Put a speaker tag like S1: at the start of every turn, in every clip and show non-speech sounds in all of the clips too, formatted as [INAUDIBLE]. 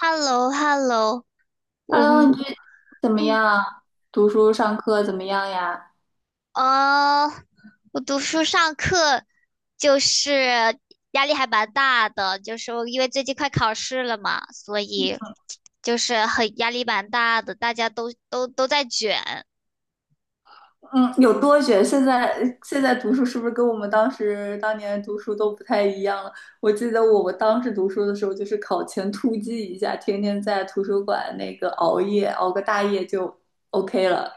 S1: Hello hello。 我
S2: Hello，你最怎么
S1: 嗯嗯。
S2: 样？读书上课怎么样呀？
S1: 哦，我读书上课就是压力还蛮大的，就是我因为最近快考试了嘛，所以就是很压力蛮大的，大家都在卷。
S2: 嗯，有多卷？现在读书是不是跟我们当时当年读书都不太一样了？我记得我们当时读书的时候，就是考前突击一下，天天在图书馆那个熬夜，熬个大夜就 OK 了。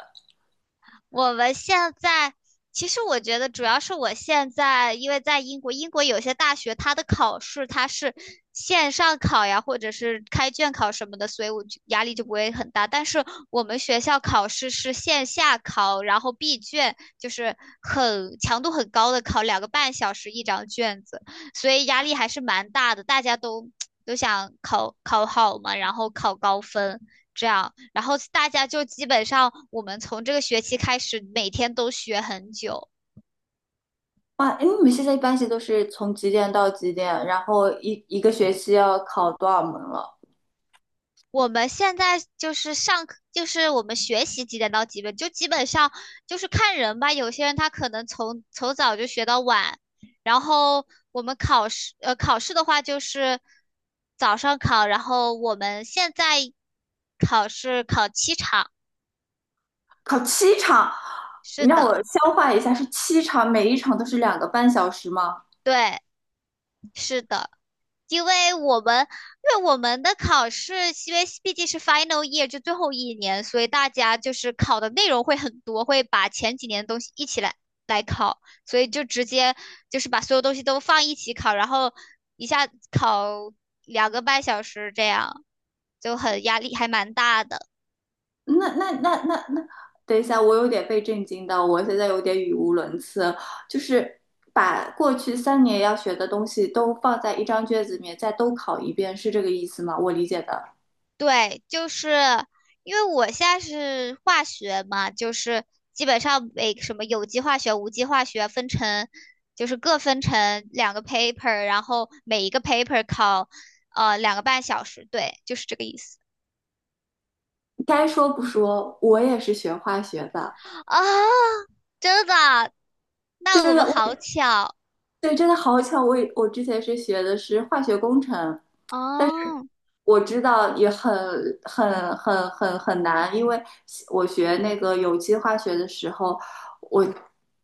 S1: 我们现在其实我觉得主要是我现在因为在英国，英国有些大学它的考试它是线上考呀，或者是开卷考什么的，所以我就压力就不会很大。但是我们学校考试是线下考，然后闭卷，就是很强度很高的考，两个半小时一张卷子。所以压力还是蛮大的，大家都想考考好嘛，然后考高分这样，然后大家就基本上我们从这个学期开始，每天都学很久。
S2: 哇，哎，你们现在一般是都是从几点到几点？然后一个学期要考多少门了？
S1: 我们现在就是上课，就是我们学习几点到几点，就基本上就是看人吧。有些人他可能从早就学到晚，然后我们考试的话就是早上考，然后我们现在考试考七场，
S2: 考七场，
S1: 是
S2: 你让
S1: 的。
S2: 我消化一下，是七场，每一场都是2个半小时吗？
S1: 对，是的，因为我们因为我们的考试，因为毕竟是 final year 就最后一年，所以大家就是考的内容会很多，会把前几年的东西一起来考，所以就直接就是把所有东西都放一起考，然后一下考两个半小时这样，就很压力还蛮大的。
S2: 那，等一下，我有点被震惊到，我现在有点语无伦次。就是把过去3年要学的东西都放在一张卷子里面，再都考一遍，是这个意思吗？我理解的。
S1: 对，就是因为我现在是化学嘛，就是基本上每什么有机化学、无机化学分成，就是各分成两个 paper,然后每一个 paper 考两个半小时，对，就是这个意思。
S2: 该说不说，我也是学化学的，
S1: 啊，真的？那我
S2: 真
S1: 们
S2: 的，
S1: 好
S2: 我
S1: 巧
S2: 对，真的好巧，我之前是学的是化学工程。但。
S1: 哦。
S2: 我知道也很难，因为我学那个有机化学的时候，我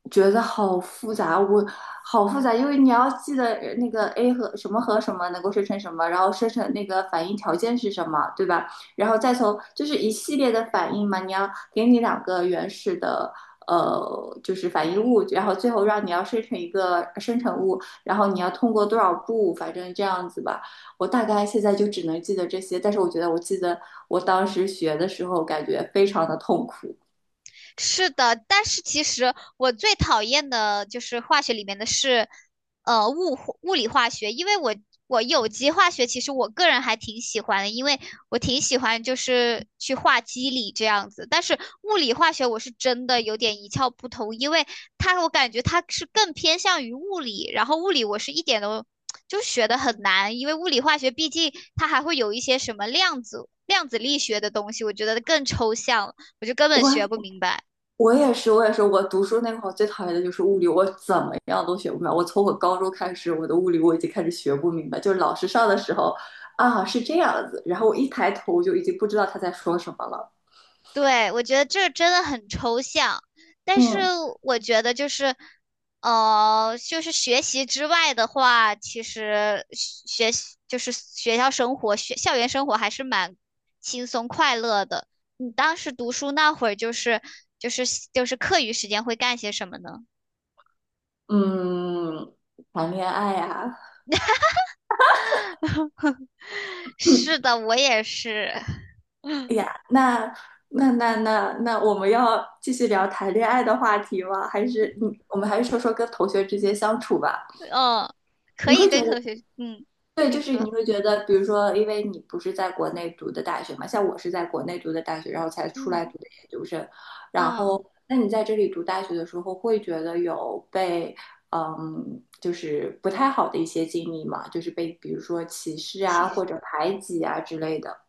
S2: 觉得好复杂，我好复杂，因为你要记得那个 A 和什么和什么能够生成什么，然后生成那个反应条件是什么，对吧？然后再从就是一系列的反应嘛，你要给你两个原始的。就是反应物，然后最后让你要生成一个生成物，然后你要通过多少步，反正这样子吧。我大概现在就只能记得这些，但是我觉得我记得我当时学的时候，感觉非常的痛苦。
S1: 是的，但是其实我最讨厌的就是化学里面的是，物理化学，因为有机化学其实我个人还挺喜欢的，因为我挺喜欢就是去画机理这样子，但是物理化学我是真的有点一窍不通，因为它我感觉它是更偏向于物理，然后物理我是一点都 [TSK] 就学的很难，因为物理化学毕竟它还会有一些什么量子力学的东西，我觉得更抽象了我就根本学不
S2: 我
S1: 明白。
S2: 我也是，我也是，我读书那会儿最讨厌的就是物理，我怎么样都学不明白。我从我高中开始，我的物理我已经开始学不明白，就是老师上的时候啊是这样子，然后我一抬头就已经不知道他在说什么了。
S1: 对，我觉得这真的很抽象，但是
S2: 嗯
S1: 我觉得就是学习之外的话，其实学习就是学校生活、学校园生活还是蛮轻松快乐的。你当时读书那会儿，就是就是课余时间会干些什么呢？
S2: 嗯，谈恋爱呀、啊
S1: [LAUGHS]
S2: 嗯
S1: 是的，我也是，
S2: 哎呀，那，我们要继续聊谈恋爱的话题吗？还是你，我们还是说说跟同学之间相处吧。
S1: 嗯，可
S2: 你
S1: 以
S2: 会觉
S1: 跟
S2: 得，
S1: 同学，嗯，
S2: 对，
S1: 你
S2: 就是
S1: 说，
S2: 你会觉得，比如说，因为你不是在国内读的大学嘛，像我是在国内读的大学，然后才出来
S1: 嗯
S2: 读的研究生，然
S1: 嗯，
S2: 后，那你在这里读大学的时候，会觉得有被，嗯，就是不太好的一些经历嘛，就是被比如说歧视
S1: 其
S2: 啊，
S1: 实。
S2: 或者排挤啊之类的。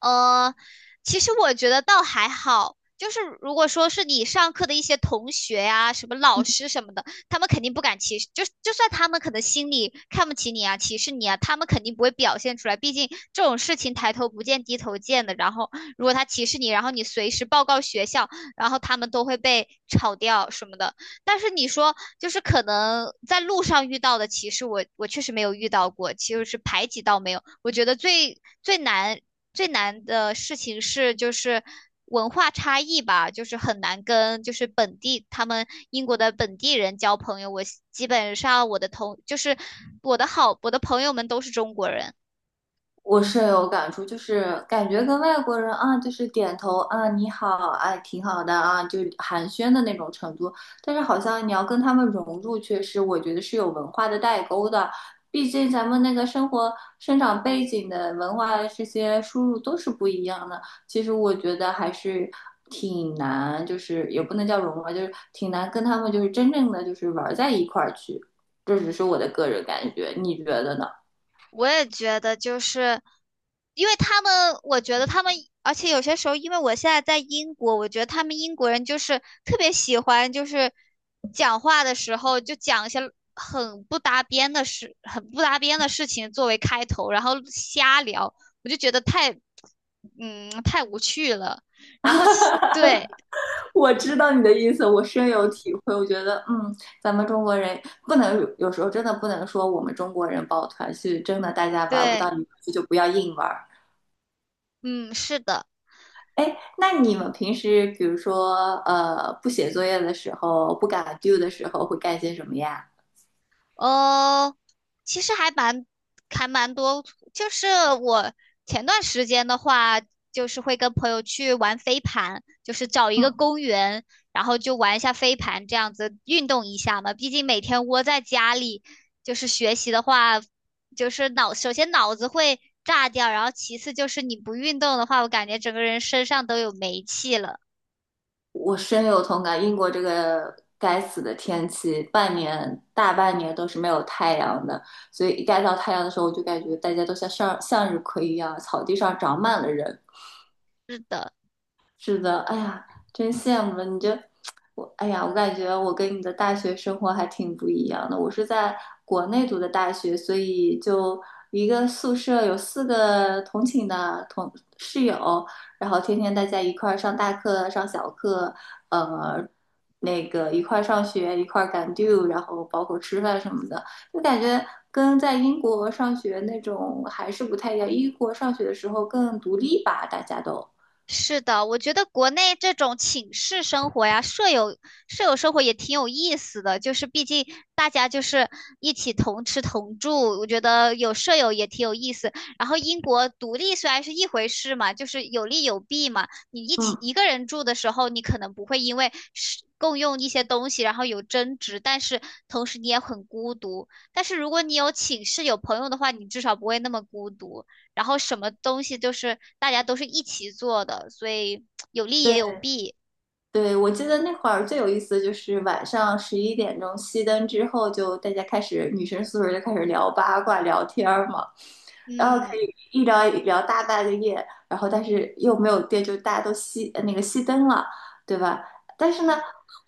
S1: 呃，其实我觉得倒还好，就是如果说是你上课的一些同学呀、什么老师什么的，他们肯定不敢歧视，就算他们可能心里看不起你啊、歧视你啊，他们肯定不会表现出来。毕竟这种事情抬头不见低头见的。然后如果他歧视你，然后你随时报告学校，然后他们都会被炒掉什么的。但是你说，就是可能在路上遇到的歧视我，我确实没有遇到过，其实是排挤倒没有。我觉得最难的事情是就是文化差异吧，就是很难跟就是本地他们英国的本地人交朋友。我基本上我的同就是我的好我的朋友们都是中国人。
S2: 我深有感触，就是感觉跟外国人啊，就是点头啊，你好，哎，挺好的啊，就寒暄的那种程度。但是好像你要跟他们融入，确实我觉得是有文化的代沟的。毕竟咱们那个生活、生长背景的文化这些输入都是不一样的。其实我觉得还是挺难，就是也不能叫融入吧，就是挺难跟他们就是真正的就是玩在一块儿去。这只是我的个人感觉，你觉得呢？
S1: 我也觉得，就是因为他们，我觉得他们，而且有些时候，因为我现在在英国，我觉得他们英国人就是特别喜欢，就是讲话的时候就讲一些很不搭边的事情作为开头，然后瞎聊，我就觉得太，嗯，太无趣了。然后对，
S2: 我知道你的意思，我深有
S1: 嗯，
S2: 体会。我觉得，嗯，咱们中国人不能有时候真的不能说我们中国人抱团是真的，大家玩不到
S1: 对，
S2: 一块去就不要硬玩儿。
S1: 嗯，是的。
S2: 哎，那你们平时比如说，不写作业的时候，不敢 do 的时候，会干些什么呀？
S1: 呃，其实还蛮多，就是我前段时间的话，就是会跟朋友去玩飞盘，就是找一个公园，然后就玩一下飞盘，这样子运动一下嘛。毕竟每天窝在家里，就是学习的话，就是脑，首先脑子会炸掉，然后其次就是你不运动的话，我感觉整个人身上都有煤气了。
S2: 我深有同感，英国这个该死的天气，半年大半年都是没有太阳的，所以一该到太阳的时候，我就感觉大家都像向日葵一样，草地上长满了人。
S1: 是的。
S2: 是的，哎呀，真羡慕了你这，我哎呀，我感觉我跟你的大学生活还挺不一样的。我是在国内读的大学，所以就一个宿舍有四个同寝的同室友，然后天天大家一块儿上大课、上小课，呃，那个一块儿上学、一块儿赶 due，然后包括吃饭什么的，就感觉跟在英国上学那种还是不太一样。英国上学的时候更独立吧，大家都。
S1: 是的，我觉得国内这种寝室生活呀，舍友生活也挺有意思的，就是毕竟大家就是一起同吃同住，我觉得有舍友也挺有意思。然后英国独立虽然是一回事嘛，就是有利有弊嘛。你一起
S2: 嗯，
S1: 一个人住的时候，你可能不会因为是共用一些东西然后有争执，但是同时你也很孤独。但是如果你有寝室有朋友的话，你至少不会那么孤独。然后什么东西都是大家都是一起做的，所以有利也有
S2: 对。
S1: 弊。
S2: 对，我记得那会儿最有意思的就是晚上11点钟熄灯之后，就大家开始女生宿舍就开始聊八卦、聊天儿嘛，然后可
S1: 嗯。
S2: 以一聊一聊大半个夜，然后但是又没有电，就大家都熄呃那个熄灯了，对吧？但是呢，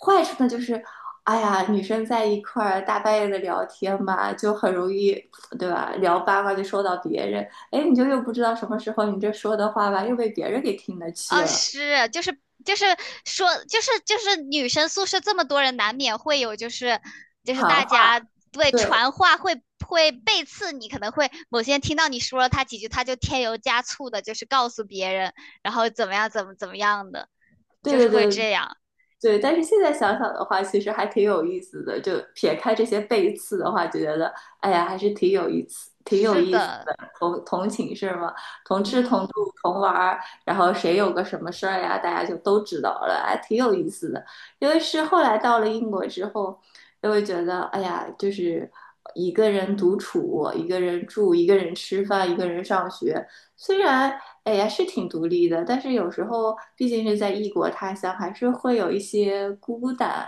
S2: 坏处呢就是，哎呀，女生在一块儿大半夜的聊天吧，就很容易，对吧？聊八卦就说到别人，哎，你就又不知道什么时候你这说的话吧，又被别人给听得去
S1: 啊，
S2: 了，
S1: 是，就是说，就是女生宿舍这么多人，难免会有就是大
S2: 好。
S1: 家对
S2: 对，
S1: 传话会背刺你，可能会某些人听到你说了他几句，他就添油加醋的，就是告诉别人，然后怎么样怎么样的，
S2: 对
S1: 就是
S2: 对
S1: 会
S2: 对
S1: 这样。
S2: 对，但是现在想想的话，其实还挺有意思的。就撇开这些背刺的话，就觉得哎呀，还是挺有意思，挺有
S1: 是
S2: 意思
S1: 的，
S2: 的。同寝室嘛，同吃同
S1: 嗯。
S2: 住同玩儿，然后谁有个什么事儿呀，大家就都知道了，还挺有意思的。因为是后来到了英国之后，就会觉得哎呀，就是一个人独处，一个人住，一个人吃饭，一个人上学，虽然哎呀，是挺独立的，但是有时候毕竟是在异国他乡，还是会有一些孤单。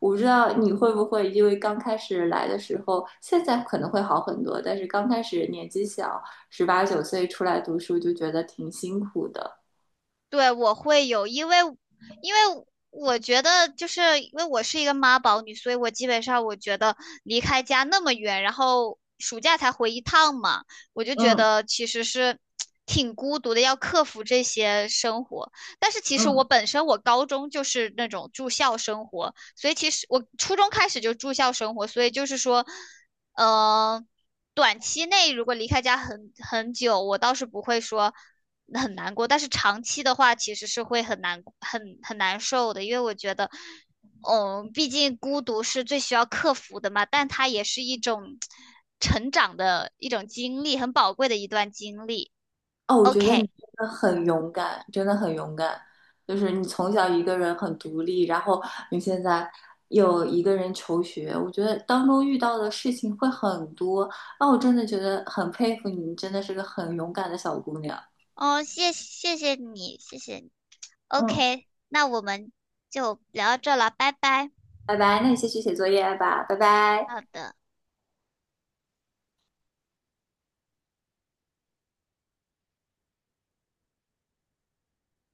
S2: 我不知道你会不会，因为刚开始来的时候，现在可能会好很多，但是刚开始年纪小，十八九岁出来读书就觉得挺辛苦的。
S1: 对，我会有，因为我觉得，就是因为我是一个妈宝女，所以我基本上我觉得离开家那么远，然后暑假才回一趟嘛，我就觉
S2: 嗯
S1: 得其实是挺孤独的，要克服这些生活。但是其实我
S2: 嗯，
S1: 本身我高中就是那种住校生活，所以其实我初中开始就住校生活，所以就是说，呃，短期内如果离开家很久，我倒是不会说。很难过，但是长期的话其实是会很难受的，因为我觉得，嗯，毕竟孤独是最需要克服的嘛，但它也是一种成长的一种经历，很宝贵的一段经历。
S2: 哦，我觉得你
S1: OK,
S2: 真的
S1: 嗯，
S2: 很勇敢，真的很勇敢。就是你从小一个人很独立，然后你现在又一个人求学，我觉得当中遇到的事情会很多。那我真的觉得很佩服你，你真的是个很勇敢的小姑娘。
S1: 哦，谢谢你，谢谢你。
S2: 嗯，
S1: OK,那我们就聊到这了，拜拜。
S2: 拜拜，那你先去写作业吧，拜拜。
S1: 好的。